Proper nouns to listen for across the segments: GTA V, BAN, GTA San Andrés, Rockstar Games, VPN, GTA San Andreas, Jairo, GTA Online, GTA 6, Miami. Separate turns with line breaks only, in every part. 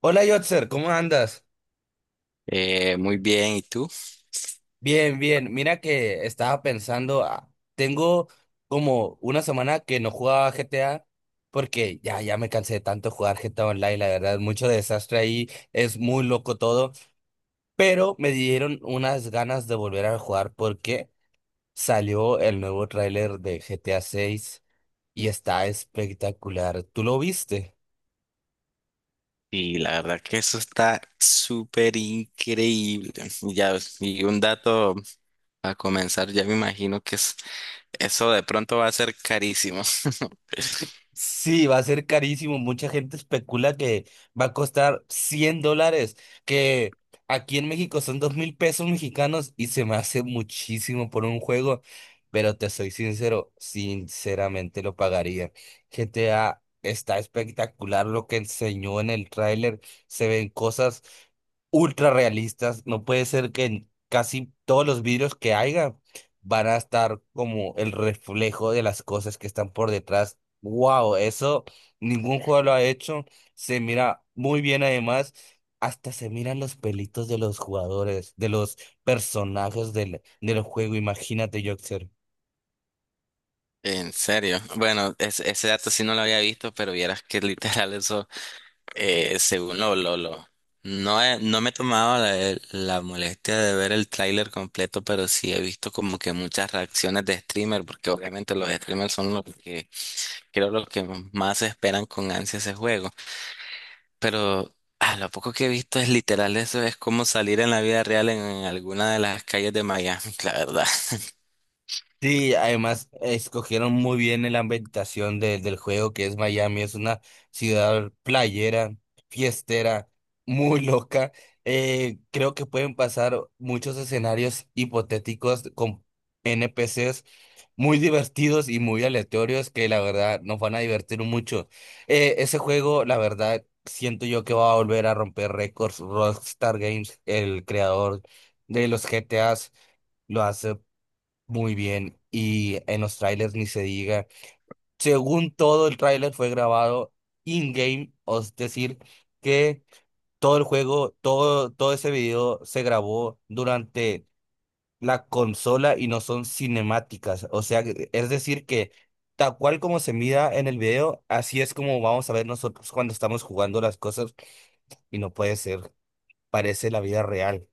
Hola Yotzer, ¿cómo andas?
Muy bien, ¿y tú?
Bien, bien. Mira que estaba pensando, ah, tengo como una semana que no jugaba GTA porque ya me cansé de tanto jugar GTA Online, la verdad, mucho desastre ahí, es muy loco todo, pero me dieron unas ganas de volver a jugar porque salió el nuevo tráiler de GTA 6 y está espectacular. ¿Tú lo viste?
Y la verdad que eso está súper increíble. Y ya, y un dato a comenzar, ya me imagino que es, eso de pronto va a ser carísimo.
Sí, va a ser carísimo. Mucha gente especula que va a costar $100, que aquí en México son 2,000 pesos mexicanos y se me hace muchísimo por un juego, pero te soy sincero, sinceramente lo pagaría. GTA está espectacular lo que enseñó en el tráiler, se ven cosas ultra realistas. No puede ser que en casi todos los vidrios que haya van a estar como el reflejo de las cosas que están por detrás. Wow, eso ningún juego lo ha hecho. Se mira muy bien además. Hasta se miran los pelitos de los jugadores, de los personajes del juego. Imagínate, Joxer.
En serio. Bueno, ese dato sí no lo había visto, pero vieras que literal eso, según lo. No, no me he tomado la molestia de ver el tráiler completo, pero sí he visto como que muchas reacciones de streamer, porque obviamente los streamers son los que creo lo que más esperan con ansia ese juego. Pero a lo poco que he visto es literal, eso es como salir en la vida real en, alguna de las calles de Miami, la verdad.
Sí, además escogieron muy bien en la ambientación del juego que es Miami, es una ciudad playera, fiestera, muy loca. Creo que pueden pasar muchos escenarios hipotéticos con NPCs muy divertidos y muy aleatorios que la verdad nos van a divertir mucho. Ese juego, la verdad, siento yo que va a volver a romper récords. Rockstar Games, el creador de los GTAs, lo hace. Muy bien, y en los trailers ni se diga. Según todo, el trailer fue grabado in-game, o es decir, que todo el juego, todo, todo ese video se grabó durante la consola y no son cinemáticas. O sea, es decir, que tal cual como se mira en el video, así es como vamos a ver nosotros cuando estamos jugando las cosas y no puede ser, parece la vida real.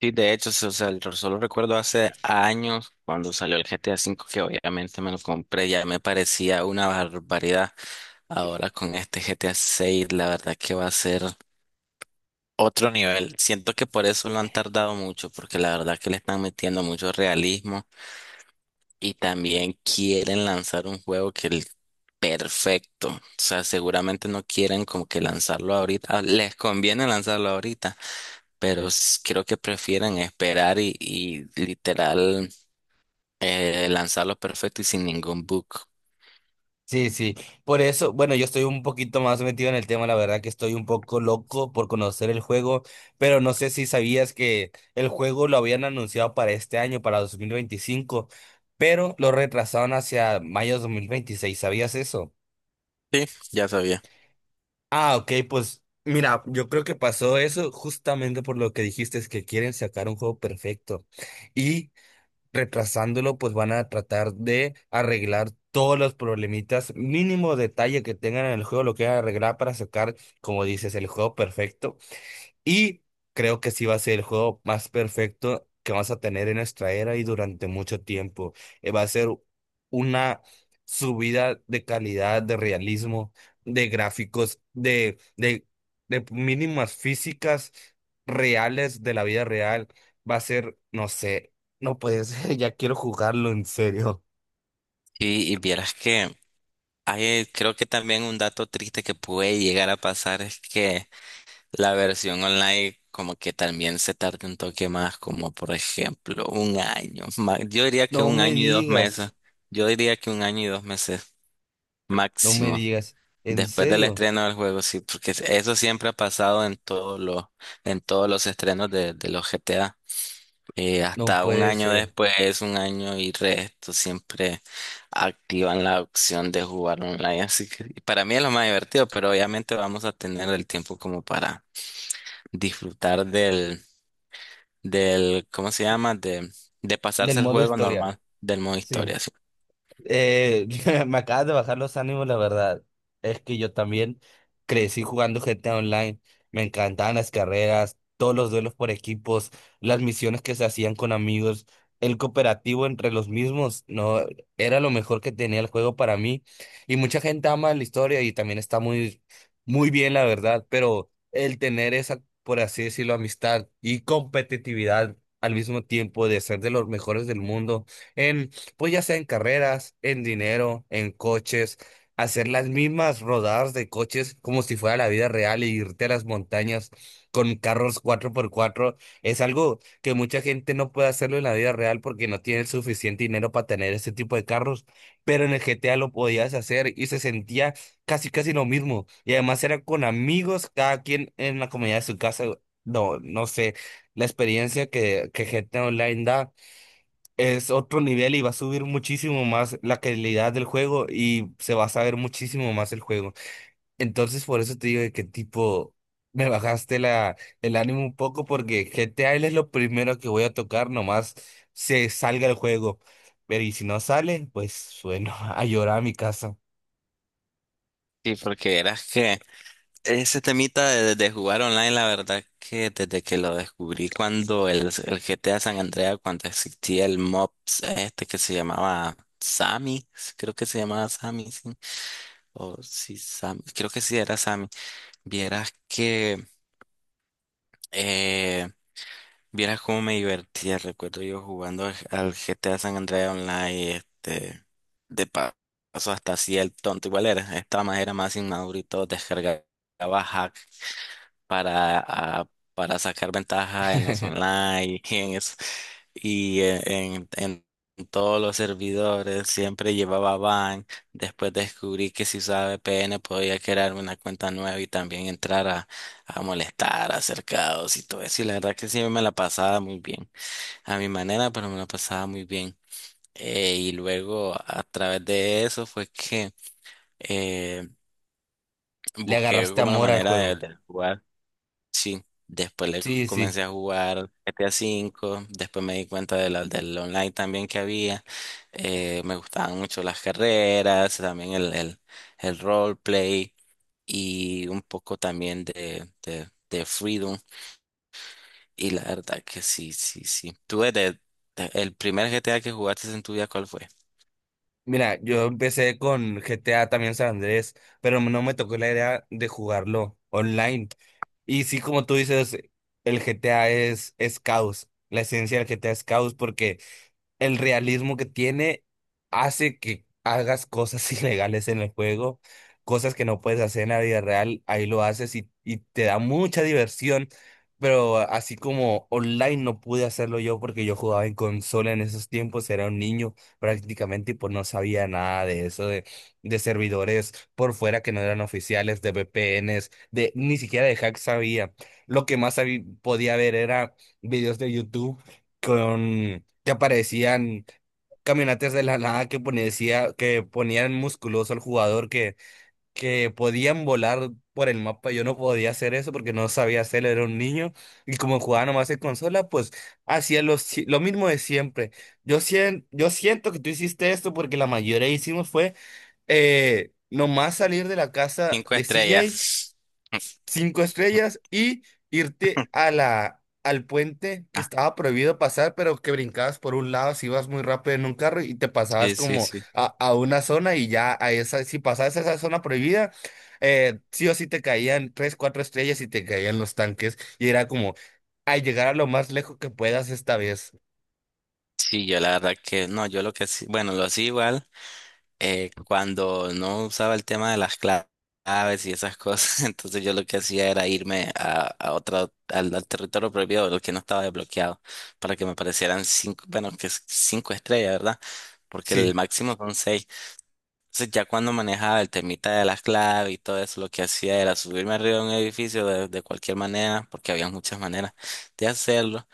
Sí, de hecho, o sea, solo recuerdo hace años cuando salió el GTA V, que obviamente me lo compré, ya me parecía una barbaridad. Ahora con este GTA 6, la verdad que va a ser otro nivel. Siento que por eso lo han tardado mucho, porque la verdad que le están metiendo mucho realismo. Y también quieren lanzar un juego que el perfecto. O sea, seguramente no quieren como que lanzarlo ahorita. Ah, les conviene lanzarlo ahorita, pero creo que prefieren esperar y literal lanzarlo perfecto y sin ningún bug.
Sí, sí. Por eso, bueno, yo estoy un poquito más metido en el tema, la verdad que estoy un poco loco por conocer el juego, pero no sé si sabías que el juego lo habían anunciado para este año, para 2025, pero lo retrasaron hacia mayo de 2026. ¿Sabías eso?
Sí, ya sabía.
Ah, ok, pues mira, yo creo que pasó eso justamente por lo que dijiste, es que quieren sacar un juego perfecto. Y retrasándolo, pues van a tratar de arreglar todos los problemitas, mínimo detalle que tengan en el juego, lo que arreglar para sacar, como dices, el juego perfecto. Y creo que sí va a ser el juego más perfecto que vamos a tener en nuestra era y durante mucho tiempo. Va a ser una subida de calidad, de realismo, de gráficos, de mínimas físicas reales de la vida real. Va a ser, no sé, no puede ser, ya quiero jugarlo en serio.
Y vieras que hay, creo que también un dato triste que puede llegar a pasar es que la versión online como que también se tarda un toque más, como por ejemplo un año. Yo diría que
No
un
me
año y dos
digas,
meses. Yo diría que un año y dos meses
no me
máximo.
digas, en
Después del
serio,
estreno del juego, sí, porque eso siempre ha pasado en todos los estrenos de los GTA.
no
Hasta un
puede
año
ser.
después, un año y resto, siempre activan la opción de jugar online. Así que para mí es lo más divertido, pero obviamente vamos a tener el tiempo como para disfrutar del, ¿cómo se llama? de
Del
pasarse el
modo
juego
historia,
normal del modo
sí.
historia. Sí,
Eh, Me acabas de bajar los ánimos, la verdad. Es que yo también crecí jugando GTA Online. Me encantaban las carreras, todos los duelos por equipos, las misiones que se hacían con amigos, el cooperativo entre los mismos. No, era lo mejor que tenía el juego para mí. Y mucha gente ama la historia y también está muy, muy bien, la verdad. Pero el tener esa, por así decirlo, amistad y competitividad al mismo tiempo de ser de los mejores del mundo. En pues ya sea en carreras, en dinero, en coches, hacer las mismas rodadas de coches como si fuera la vida real e irte a las montañas con carros cuatro por cuatro es algo que mucha gente no puede hacerlo en la vida real porque no tiene el suficiente dinero para tener ese tipo de carros, pero en el GTA lo podías hacer y se sentía casi casi lo mismo y además era con amigos, cada quien en la comunidad de su casa. No, no sé, la experiencia que GTA Online da es otro nivel y va a subir muchísimo más la calidad del juego y se va a saber muchísimo más el juego. Entonces, por eso te digo de que tipo, me bajaste el ánimo un poco porque GTA es lo primero que voy a tocar nomás se salga el juego. Pero y si no sale, pues bueno, a llorar a mi casa.
sí, porque eras que ese temita de jugar online, la verdad que desde que lo descubrí cuando el GTA San Andreas, cuando existía el mobs este que se llamaba Sammy, creo que se llamaba Sammy, sí, o sí, Sammy, creo que sí era Sammy, vieras que... eh, Vieras cómo me divertía, recuerdo yo jugando al GTA San Andreas Online, de paso hasta hacía el tonto, igual era, esta más era más inmaduro y todo, descargaba para, a- para sacar ventaja en los online y en todos los servidores. Siempre llevaba ban. Después descubrí que si usaba VPN podía crearme una cuenta nueva y también entrar a molestar, a hacer caos y todo eso. Y la verdad que sí me la pasaba muy bien. A mi manera, pero me la pasaba muy bien. Y luego a través de eso fue que eh,
Le
busqué
agarraste
como la
amor al
manera de,
juego.
de jugar. Sí, después le
Sí, sí.
comencé a jugar GTA V, después me di cuenta del online también que había. Me gustaban mucho las carreras, también el roleplay y un poco también de Freedom. Y la verdad que sí, sí, sí. ¿Tú el primer GTA que jugaste en tu vida, cuál fue?
Mira, yo empecé con GTA también San Andrés, pero no me tocó la idea de jugarlo online. Y sí, como tú dices, el GTA es caos. La esencia del GTA es caos porque el realismo que tiene hace que hagas cosas ilegales en el juego, cosas que no puedes hacer en la vida real, ahí lo haces y te da mucha diversión, pero así como online no pude hacerlo yo porque yo jugaba en consola en esos tiempos, era un niño prácticamente y pues no sabía nada de eso, de servidores por fuera que no eran oficiales, de VPNs, de, ni siquiera de hack sabía. Lo que más podía ver era videos de YouTube con te aparecían caminatas de la nada que que ponían musculoso al jugador que podían volar por el mapa. Yo no podía hacer eso porque no sabía hacerlo, era un niño. Y como jugaba nomás en consola, pues hacía lo, si- lo mismo de siempre. Yo siento que tú hiciste esto porque la mayoría hicimos fue nomás salir de la casa
Cinco
de CJ
estrellas.
cinco estrellas y irte a al puente que estaba prohibido pasar, pero que brincabas por un lado si ibas muy rápido en un carro y te pasabas
Sí, sí,
como
sí.
a una zona y ya a esa, si pasabas a esa zona prohibida, sí o sí te caían tres, cuatro estrellas y te caían los tanques y era como a llegar a lo más lejos que puedas esta vez.
Sí, yo la verdad que no, yo lo que sí, bueno, lo hacía igual. Cuando no usaba el tema de las claves y esas cosas, entonces yo lo que hacía era irme a otra, al territorio prohibido, lo que no estaba desbloqueado, para que me aparecieran cinco, bueno, que es cinco estrellas, ¿verdad? Porque
Sí.
el máximo son seis. Entonces ya cuando manejaba el temita de las claves y todo eso, lo que hacía era subirme arriba de un edificio de cualquier manera, porque había muchas maneras de hacerlo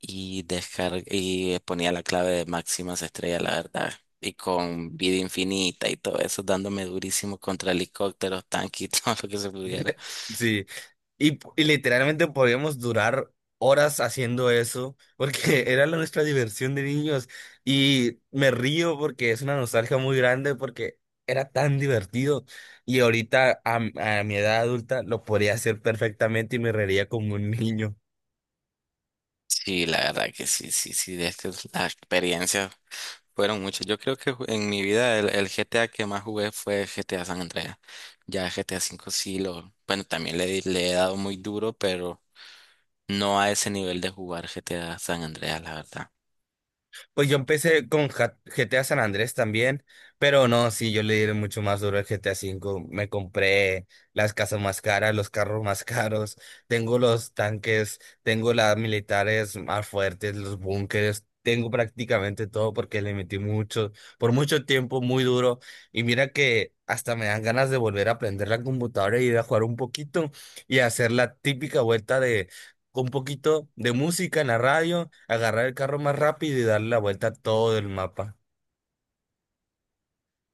y ponía la clave de máximas estrellas, la verdad. Y con vida infinita y todo eso, dándome durísimo contra helicópteros, tanques y todo lo que se pudiera.
Sí, y literalmente podíamos durar horas haciendo eso, porque era nuestra diversión de niños. Y me río porque es una nostalgia muy grande, porque era tan divertido. Y ahorita, a mi edad adulta, lo podría hacer perfectamente y me reiría como un niño.
Sí, la verdad que sí, sí, sí, es que las experiencias fueron muchas. Yo creo que en mi vida el GTA que más jugué fue GTA San Andreas. Ya GTA V sí lo, bueno, también le he dado muy duro, pero no a ese nivel de jugar GTA San Andreas, la verdad.
Pues yo empecé con GTA San Andrés también, pero no, sí, yo le di mucho más duro al GTA V. Me compré las casas más caras, los carros más caros, tengo los tanques, tengo las militares más fuertes, los búnkeres, tengo prácticamente todo porque le metí mucho, por mucho tiempo, muy duro. Y mira que hasta me dan ganas de volver a aprender la computadora y ir a jugar un poquito y hacer la típica vuelta con un poquito de música en la radio, agarrar el carro más rápido y darle la vuelta a todo el mapa.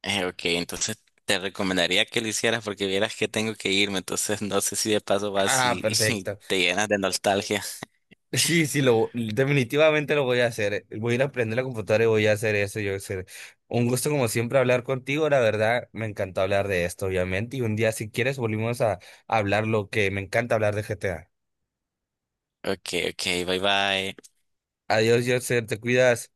Ok, entonces te recomendaría que lo hicieras porque vieras que tengo que irme, entonces no sé si de paso vas
Ah,
y, y
perfecto.
te llenas de nostalgia.
Sí, sí, definitivamente lo voy a hacer. Voy a ir a aprender la computadora y voy a hacer eso. Yo sé. Un gusto como siempre hablar contigo. La verdad, me encantó hablar de esto, obviamente. Y un día, si quieres, volvimos a hablar lo que me encanta hablar de GTA.
Ok, ok, bye bye.
Adiós, Joseph, te cuidas.